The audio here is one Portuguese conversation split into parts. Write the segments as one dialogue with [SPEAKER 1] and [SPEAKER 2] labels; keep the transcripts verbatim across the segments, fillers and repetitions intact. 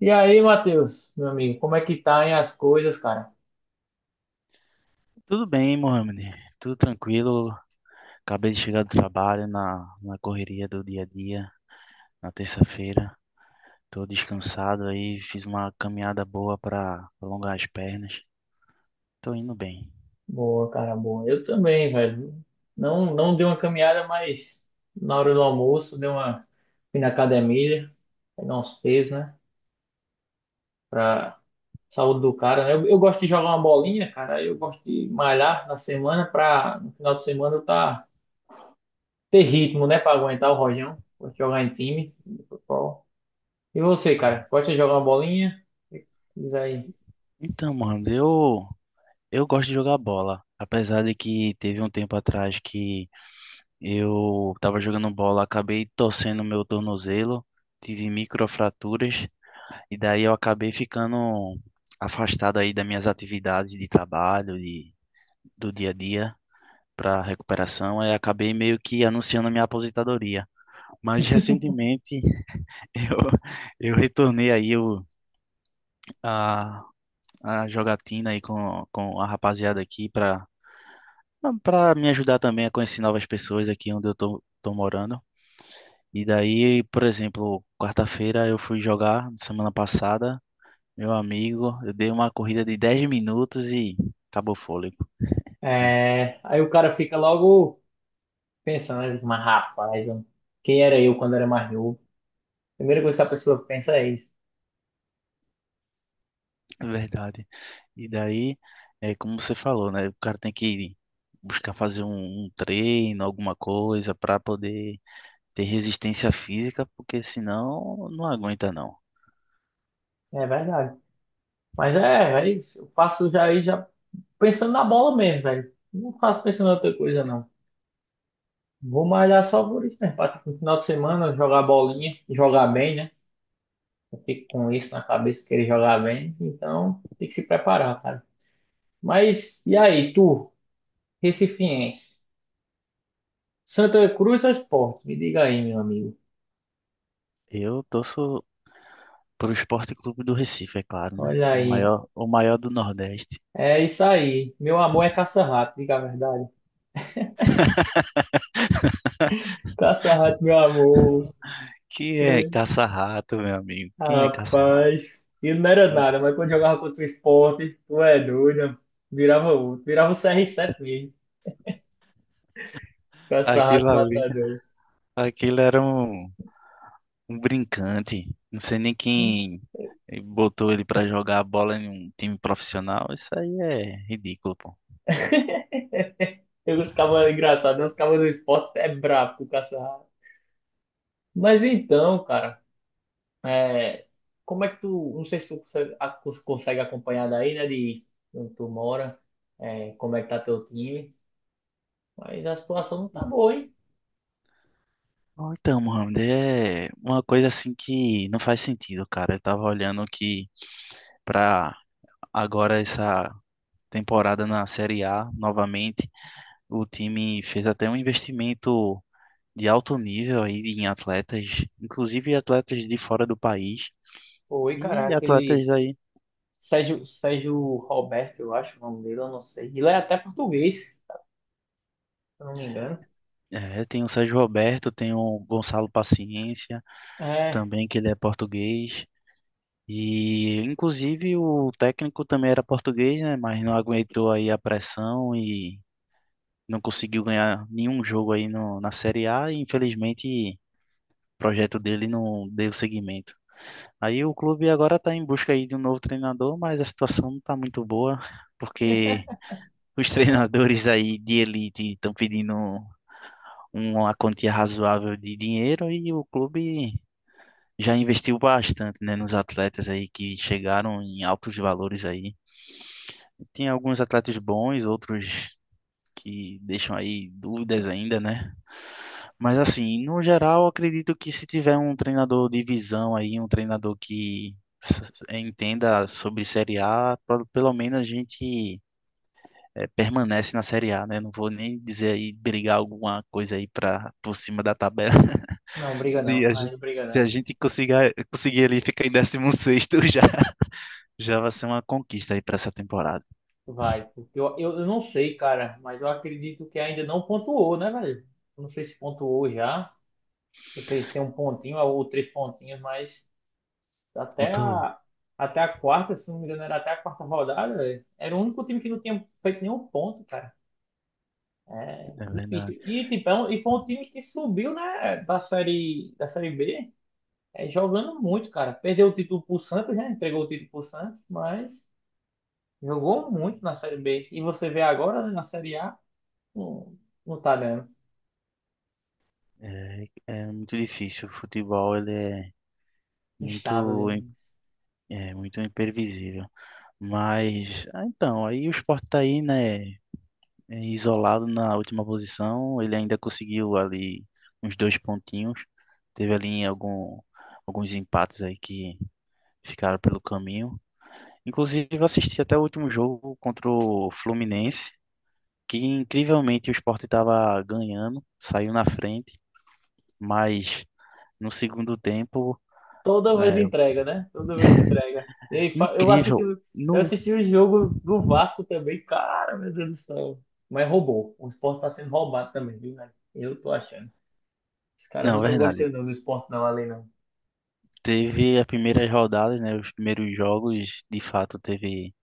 [SPEAKER 1] E aí, Matheus, meu amigo, como é que tá aí as coisas, cara?
[SPEAKER 2] Tudo bem, Mohamed. Tudo tranquilo. Acabei de chegar do trabalho na, na correria do dia a dia, na terça-feira. Tô descansado aí, fiz uma caminhada boa para alongar as pernas. Tô indo bem.
[SPEAKER 1] Boa, cara, boa. Eu também, velho. Não, não dei uma caminhada, mas na hora do almoço dei uma fui na academia, pegar uns pesos, né? Pra saúde do cara. Né? Eu, eu gosto de jogar uma bolinha, cara. Eu gosto de malhar na semana pra no final de semana eu tá ter ritmo, né? Pra aguentar o rojão. Gosto de jogar em time, futebol. E você,
[SPEAKER 2] Ah,
[SPEAKER 1] cara? Gosta de jogar uma bolinha? Diz aí.
[SPEAKER 2] então, Mohamed, eu, eu gosto de jogar bola. Apesar de que teve um tempo atrás que eu tava jogando bola, acabei torcendo meu tornozelo, tive microfraturas. E daí eu acabei ficando afastado aí das minhas atividades de trabalho, de, do dia a dia para recuperação, e acabei meio que anunciando a minha aposentadoria. Mas recentemente eu, eu retornei aí o, a, a jogatina aí com, com a rapaziada aqui para para me ajudar também a conhecer novas pessoas aqui onde eu tô, tô morando. E daí, por exemplo, quarta-feira eu fui jogar semana passada. Meu amigo, eu dei uma corrida de dez minutos e acabou o fôlego.
[SPEAKER 1] É, aí o cara fica logo pensando, eu digo, mas rapaz, eu- quem era eu quando era mais novo? Primeira coisa que a pessoa pensa é isso.
[SPEAKER 2] É verdade. E daí, é como você falou, né? O cara tem que buscar fazer um, um treino, alguma coisa, para poder ter resistência física, porque senão não aguenta, não.
[SPEAKER 1] É verdade. Mas é, é isso. Eu faço já, aí já pensando na bola mesmo, velho. Não faço pensando em outra coisa, não. Vou malhar só por isso, né? Pra, tipo, no final de semana jogar bolinha, jogar bem, né? Eu fico com isso na cabeça, querer jogar bem. Então, tem que se preparar, cara. Mas, e aí, tu, recifiense? Santa Cruz ou Sport? Me diga aí, meu amigo.
[SPEAKER 2] Eu torço para o Esporte Clube do Recife, é claro, né?
[SPEAKER 1] Olha
[SPEAKER 2] O
[SPEAKER 1] aí,
[SPEAKER 2] maior, o maior do Nordeste.
[SPEAKER 1] é isso aí. Meu amor é caça-rato, diga a verdade. Caça-rato, meu amor.
[SPEAKER 2] Que
[SPEAKER 1] É,
[SPEAKER 2] é caça-rato, meu amigo. Quem é caça-rato?
[SPEAKER 1] rapaz, ele não era nada, mas quando jogava contra o esporte, tu é doido. Virava outro, virava o C R sete mesmo. Caça-rato
[SPEAKER 2] Aquilo ali,
[SPEAKER 1] matador.
[SPEAKER 2] aquilo era um. Um brincante. Não sei nem
[SPEAKER 1] Hum.
[SPEAKER 2] quem botou ele pra jogar a bola em um time profissional. Isso aí é ridículo, pô.
[SPEAKER 1] Eu ficava engraçado, né? Os cabos do esporte é brabo com o caça-rato. Mas então, cara, é, como é que tu. Não sei se tu consegue, a- cons- consegue acompanhar daí, né? De onde tu mora, é, como é que tá teu time. Mas a situação não tá boa, hein?
[SPEAKER 2] Bom, então, Mohamed, é uma coisa assim que não faz sentido, cara. Eu tava olhando que pra agora essa temporada na Série A, novamente, o time fez até um investimento de alto nível aí em atletas, inclusive atletas de fora do país.
[SPEAKER 1] Oi, cara,
[SPEAKER 2] E atletas
[SPEAKER 1] aquele
[SPEAKER 2] aí,
[SPEAKER 1] Sérgio, Sérgio Roberto, eu acho o nome dele, eu não sei. Ele é até português, se eu não me engano.
[SPEAKER 2] é, tem o Sérgio Roberto, tem o Gonçalo Paciência,
[SPEAKER 1] É,
[SPEAKER 2] também, que ele é português. E, inclusive, o técnico também era português, né? Mas não aguentou aí a pressão e não conseguiu ganhar nenhum jogo aí no, na Série A. E, infelizmente, o projeto dele não deu seguimento. Aí o clube agora está em busca aí de um novo treinador, mas a situação não está muito boa, porque os treinadores aí de elite estão pedindo um, uma quantia razoável de dinheiro e o clube já investiu bastante, né, nos atletas aí que chegaram em altos valores aí. Tem alguns atletas bons, outros que deixam aí dúvidas ainda, né? Mas assim, no geral, eu acredito que se tiver um treinador de visão aí, um treinador que s- entenda sobre Série A, pelo pelo menos a gente eh, permanece na Série A, né? Não vou nem dizer aí brigar alguma coisa aí para por cima da tabela,
[SPEAKER 1] não, briga
[SPEAKER 2] se a
[SPEAKER 1] não, aí
[SPEAKER 2] gente,
[SPEAKER 1] não briga
[SPEAKER 2] se a
[SPEAKER 1] não.
[SPEAKER 2] gente conseguir, conseguir ali ficar em décimo sexto já, já vai ser uma conquista aí para essa temporada.
[SPEAKER 1] Vai, porque eu, eu, eu não sei, cara, mas eu acredito que ainda não pontuou, né, velho? Não sei se pontuou já, porque se tem um pontinho ou três pontinhos, mas até
[SPEAKER 2] Ponto, um.
[SPEAKER 1] a, até a quarta, se não me engano, era até a quarta rodada, velho, era o único time que não tinha feito nenhum ponto, cara. É
[SPEAKER 2] É verdade.
[SPEAKER 1] difícil. E, tipo, é um- e foi um time que subiu, né, da série, da série B, é, jogando muito, cara. Perdeu o título pro Santos, né? Entregou o título pro Santos, mas jogou muito na série B. E você vê agora, né, na série A, não, não tá dando.
[SPEAKER 2] É, é muito difícil. O futebol ele é
[SPEAKER 1] Instável
[SPEAKER 2] muito, im-
[SPEAKER 1] demais.
[SPEAKER 2] é muito imprevisível. Mas, ah, então, aí o Sport tá aí, né, é, isolado na última posição. Ele ainda conseguiu ali uns dois pontinhos. Teve ali algum, alguns empates aí que ficaram pelo caminho. Inclusive, eu assisti até o último jogo contra o Fluminense, que incrivelmente o Sport estava ganhando, saiu na frente, mas no segundo tempo,
[SPEAKER 1] Toda vez
[SPEAKER 2] é,
[SPEAKER 1] entrega, né? Toda vez entrega. E aí, fa- eu assisti,
[SPEAKER 2] incrível.
[SPEAKER 1] o- eu
[SPEAKER 2] No,
[SPEAKER 1] assisti o jogo do Vasco também, cara, meu Deus do céu. Mas roubou. O Sport tá sendo roubado também, viu, né? Eu tô achando. Os caras não
[SPEAKER 2] não,
[SPEAKER 1] estão
[SPEAKER 2] verdade.
[SPEAKER 1] gostando não do esporte não ali não.
[SPEAKER 2] Teve as primeiras rodadas, né, os primeiros jogos, de fato, teve.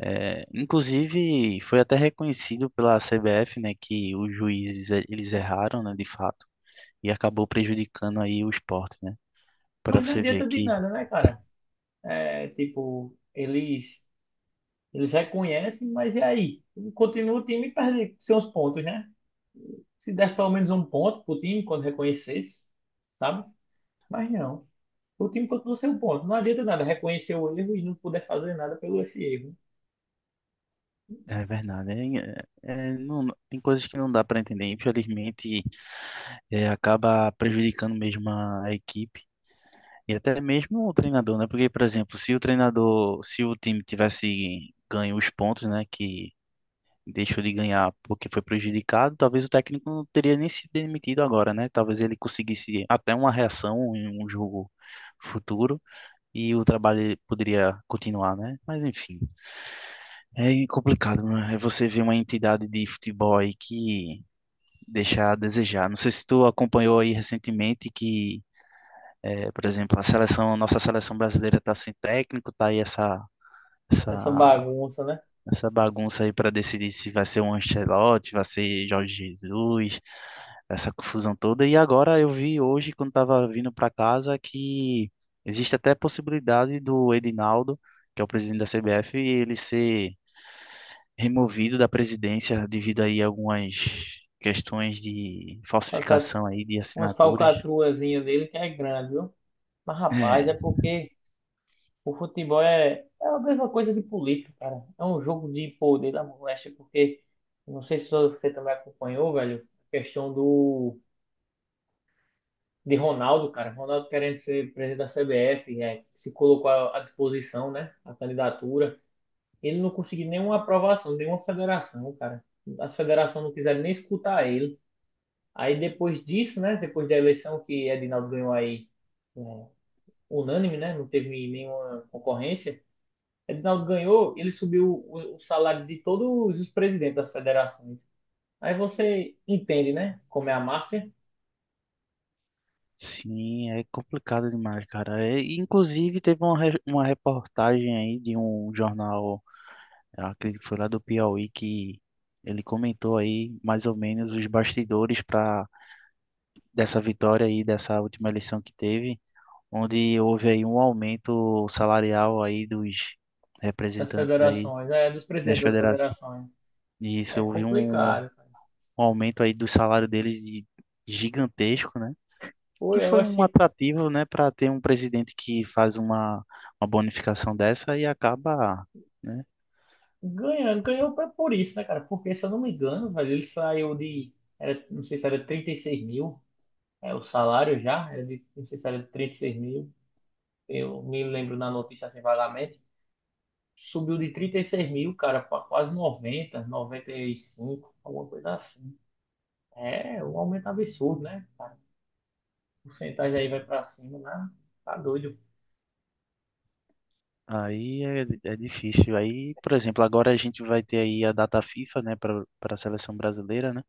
[SPEAKER 2] É, inclusive, foi até reconhecido pela C B F, né, que os juízes eh, eles erraram, né, de fato, e acabou prejudicando aí o Sport, né, para
[SPEAKER 1] Mas não
[SPEAKER 2] você ver
[SPEAKER 1] adianta de
[SPEAKER 2] que.
[SPEAKER 1] nada, né, cara? É, tipo, eles, eles reconhecem, mas e aí? Continua o time e perde seus pontos, né? Se desse pelo menos um ponto pro time quando reconhecesse, sabe? Mas não. O time continua sem um ponto. Não adianta nada reconhecer o erro e não puder fazer nada pelo esse erro.
[SPEAKER 2] É verdade, hein? É, é, não, tem coisas que não dá para entender. Infelizmente, é, acaba prejudicando mesmo a a equipe e até mesmo o treinador, né? Porque, por exemplo, se o treinador, se o time tivesse ganho os pontos, né, que deixou de ganhar porque foi prejudicado, talvez o técnico não teria nem se demitido agora, né? Talvez ele conseguisse até uma reação em um jogo futuro e o trabalho poderia continuar, né? Mas enfim. É complicado, né? É você ver uma entidade de futebol aí que deixa a desejar. Não sei se tu acompanhou aí recentemente que, eh, por exemplo, a seleção, nossa seleção brasileira tá sem técnico, tá aí essa essa
[SPEAKER 1] Essa bagunça, né?
[SPEAKER 2] essa bagunça aí para decidir se vai ser o Ancelotti, vai ser Jorge Jesus, essa confusão toda. E agora eu vi hoje quando tava vindo para casa que existe até a possibilidade do Edinaldo, que é o presidente da C B F, ele ser removido da presidência devido aí a algumas questões de
[SPEAKER 1] Falca-
[SPEAKER 2] falsificação aí de
[SPEAKER 1] Umas
[SPEAKER 2] assinaturas.
[SPEAKER 1] falcatruazinhas dele que é grande, viu? Mas, rapaz, é
[SPEAKER 2] É,
[SPEAKER 1] porque o futebol é, é a mesma coisa de política, cara. É um jogo de poder da moléstia, porque não sei se você também acompanhou, velho, a questão do de Ronaldo, cara. Ronaldo querendo ser presidente da C B F, é, se colocou à à disposição, né, a candidatura. Ele não conseguiu nenhuma aprovação, nenhuma federação, cara. As federações não quiseram nem escutar ele. Aí depois disso, né, depois da eleição que Edinaldo ganhou aí, é, unânime, né, não teve nenhuma concorrência. Edinaldo ganhou, ele subiu o, o salário de todos os presidentes das federações. Aí você entende, né? Como é a máfia
[SPEAKER 2] sim, é complicado demais, cara. É, inclusive, teve uma, re- uma reportagem aí de um jornal, eu acredito que foi lá do Piauí, que ele comentou aí mais ou menos os bastidores para dessa vitória aí, dessa última eleição que teve, onde houve aí um aumento salarial aí dos
[SPEAKER 1] das
[SPEAKER 2] representantes aí
[SPEAKER 1] federações, é dos
[SPEAKER 2] das
[SPEAKER 1] presidentes das
[SPEAKER 2] federações.
[SPEAKER 1] federações. É
[SPEAKER 2] Isso, houve um, um
[SPEAKER 1] complicado, cara.
[SPEAKER 2] aumento aí do salário deles de- gigantesco, né?
[SPEAKER 1] Pô,
[SPEAKER 2] Que
[SPEAKER 1] eu
[SPEAKER 2] foi
[SPEAKER 1] acho
[SPEAKER 2] um
[SPEAKER 1] que
[SPEAKER 2] atrativo, né, para ter um presidente que faz uma, uma bonificação dessa e acaba, né?
[SPEAKER 1] ganhando, ganhou pra- por isso, né, cara? Porque, se eu não me engano, velho, ele saiu de, era, não sei se era trinta e seis mil, é, o salário já, era de, não sei se era de seis mil, eu me lembro na notícia assim vagamente, subiu de trinta e seis mil, cara, pra quase noventa, noventa e cinco, alguma coisa assim. É um aumento absurdo, né? Cara? A porcentagem aí vai
[SPEAKER 2] Sim.
[SPEAKER 1] pra cima, né? Tá doido.
[SPEAKER 2] Aí é, é difícil. Aí, por exemplo, agora a gente vai ter aí a data FIFA, né, para para a seleção brasileira, né?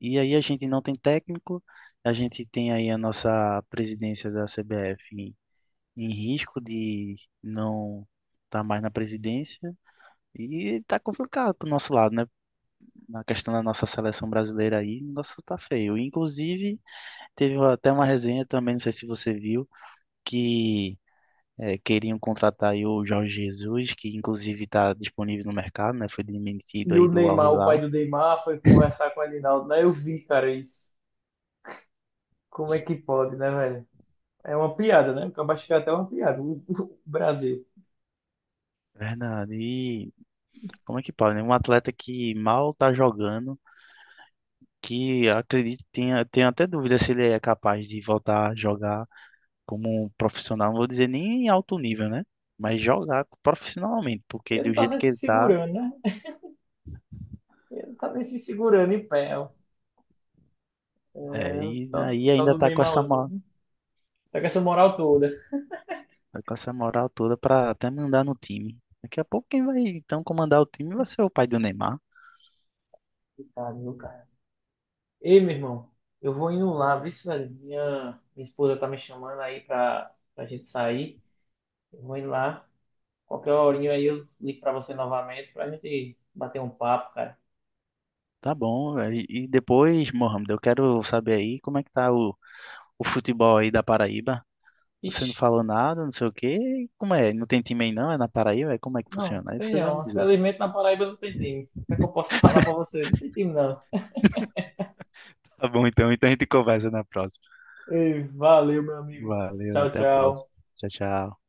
[SPEAKER 2] E aí a gente não tem técnico, a gente tem aí a nossa presidência da C B F em, em risco de não estar mais na presidência e tá complicado pro nosso lado, né? Na questão da nossa seleção brasileira aí, o negócio tá feio. Inclusive, teve até uma resenha também, não sei se você viu, que eh, queriam contratar aí o Jorge Jesus, que inclusive está disponível no mercado, né? Foi demitido
[SPEAKER 1] E o
[SPEAKER 2] aí do Al
[SPEAKER 1] Neymar, o pai
[SPEAKER 2] Hilal.
[SPEAKER 1] do Neymar, foi conversar com o Adinaldo, né? Eu vi, cara, isso. Como é que pode, né, velho? É uma piada, né? Porque eu acho que é até uma piada, o o Brasil.
[SPEAKER 2] Verdade. E como é que pode, né? Um atleta que mal tá jogando, que acredito, tenha, tenho até dúvida se ele é capaz de voltar a jogar como um profissional, não vou dizer nem em alto nível, né? Mas jogar profissionalmente, porque
[SPEAKER 1] Ele não
[SPEAKER 2] do
[SPEAKER 1] tá
[SPEAKER 2] jeito
[SPEAKER 1] nem
[SPEAKER 2] que
[SPEAKER 1] se
[SPEAKER 2] ele tá.
[SPEAKER 1] segurando, né? Ele não tá nem se segurando em pé, ó. É,
[SPEAKER 2] É,
[SPEAKER 1] o
[SPEAKER 2] e
[SPEAKER 1] tal, o
[SPEAKER 2] aí
[SPEAKER 1] tal
[SPEAKER 2] ainda
[SPEAKER 1] do
[SPEAKER 2] tá com essa, mo-
[SPEAKER 1] Neymarzinho. Tá com essa moral toda.
[SPEAKER 2] tá com essa moral toda pra até mandar no time. Daqui a pouco quem vai então comandar o time vai ser o pai do Neymar.
[SPEAKER 1] Coitado, viu, cara? Ei, meu irmão, eu vou indo lá, vê se minha, minha esposa tá me chamando aí pra, pra gente sair. Eu vou indo lá. Qualquer horinho aí eu ligo pra você novamente pra gente bater um papo, cara.
[SPEAKER 2] Tá bom, velho. E e depois, Mohamed, eu quero saber aí como é que tá o, o futebol aí da Paraíba. Você não
[SPEAKER 1] Ixi,
[SPEAKER 2] falou nada, não sei o quê. Como é? Não tem time aí não? É na Paraíba? É como é que
[SPEAKER 1] não,
[SPEAKER 2] funciona? Aí
[SPEAKER 1] tem
[SPEAKER 2] você vai me
[SPEAKER 1] não.
[SPEAKER 2] dizer.
[SPEAKER 1] Infelizmente na Paraíba não tem time. O que é que eu posso falar pra você? Não tem time não.
[SPEAKER 2] Tá bom, então. Então a gente conversa na próxima.
[SPEAKER 1] Ei, valeu, meu amigo.
[SPEAKER 2] Valeu,
[SPEAKER 1] Tchau,
[SPEAKER 2] até a próxima.
[SPEAKER 1] tchau.
[SPEAKER 2] Tchau, tchau.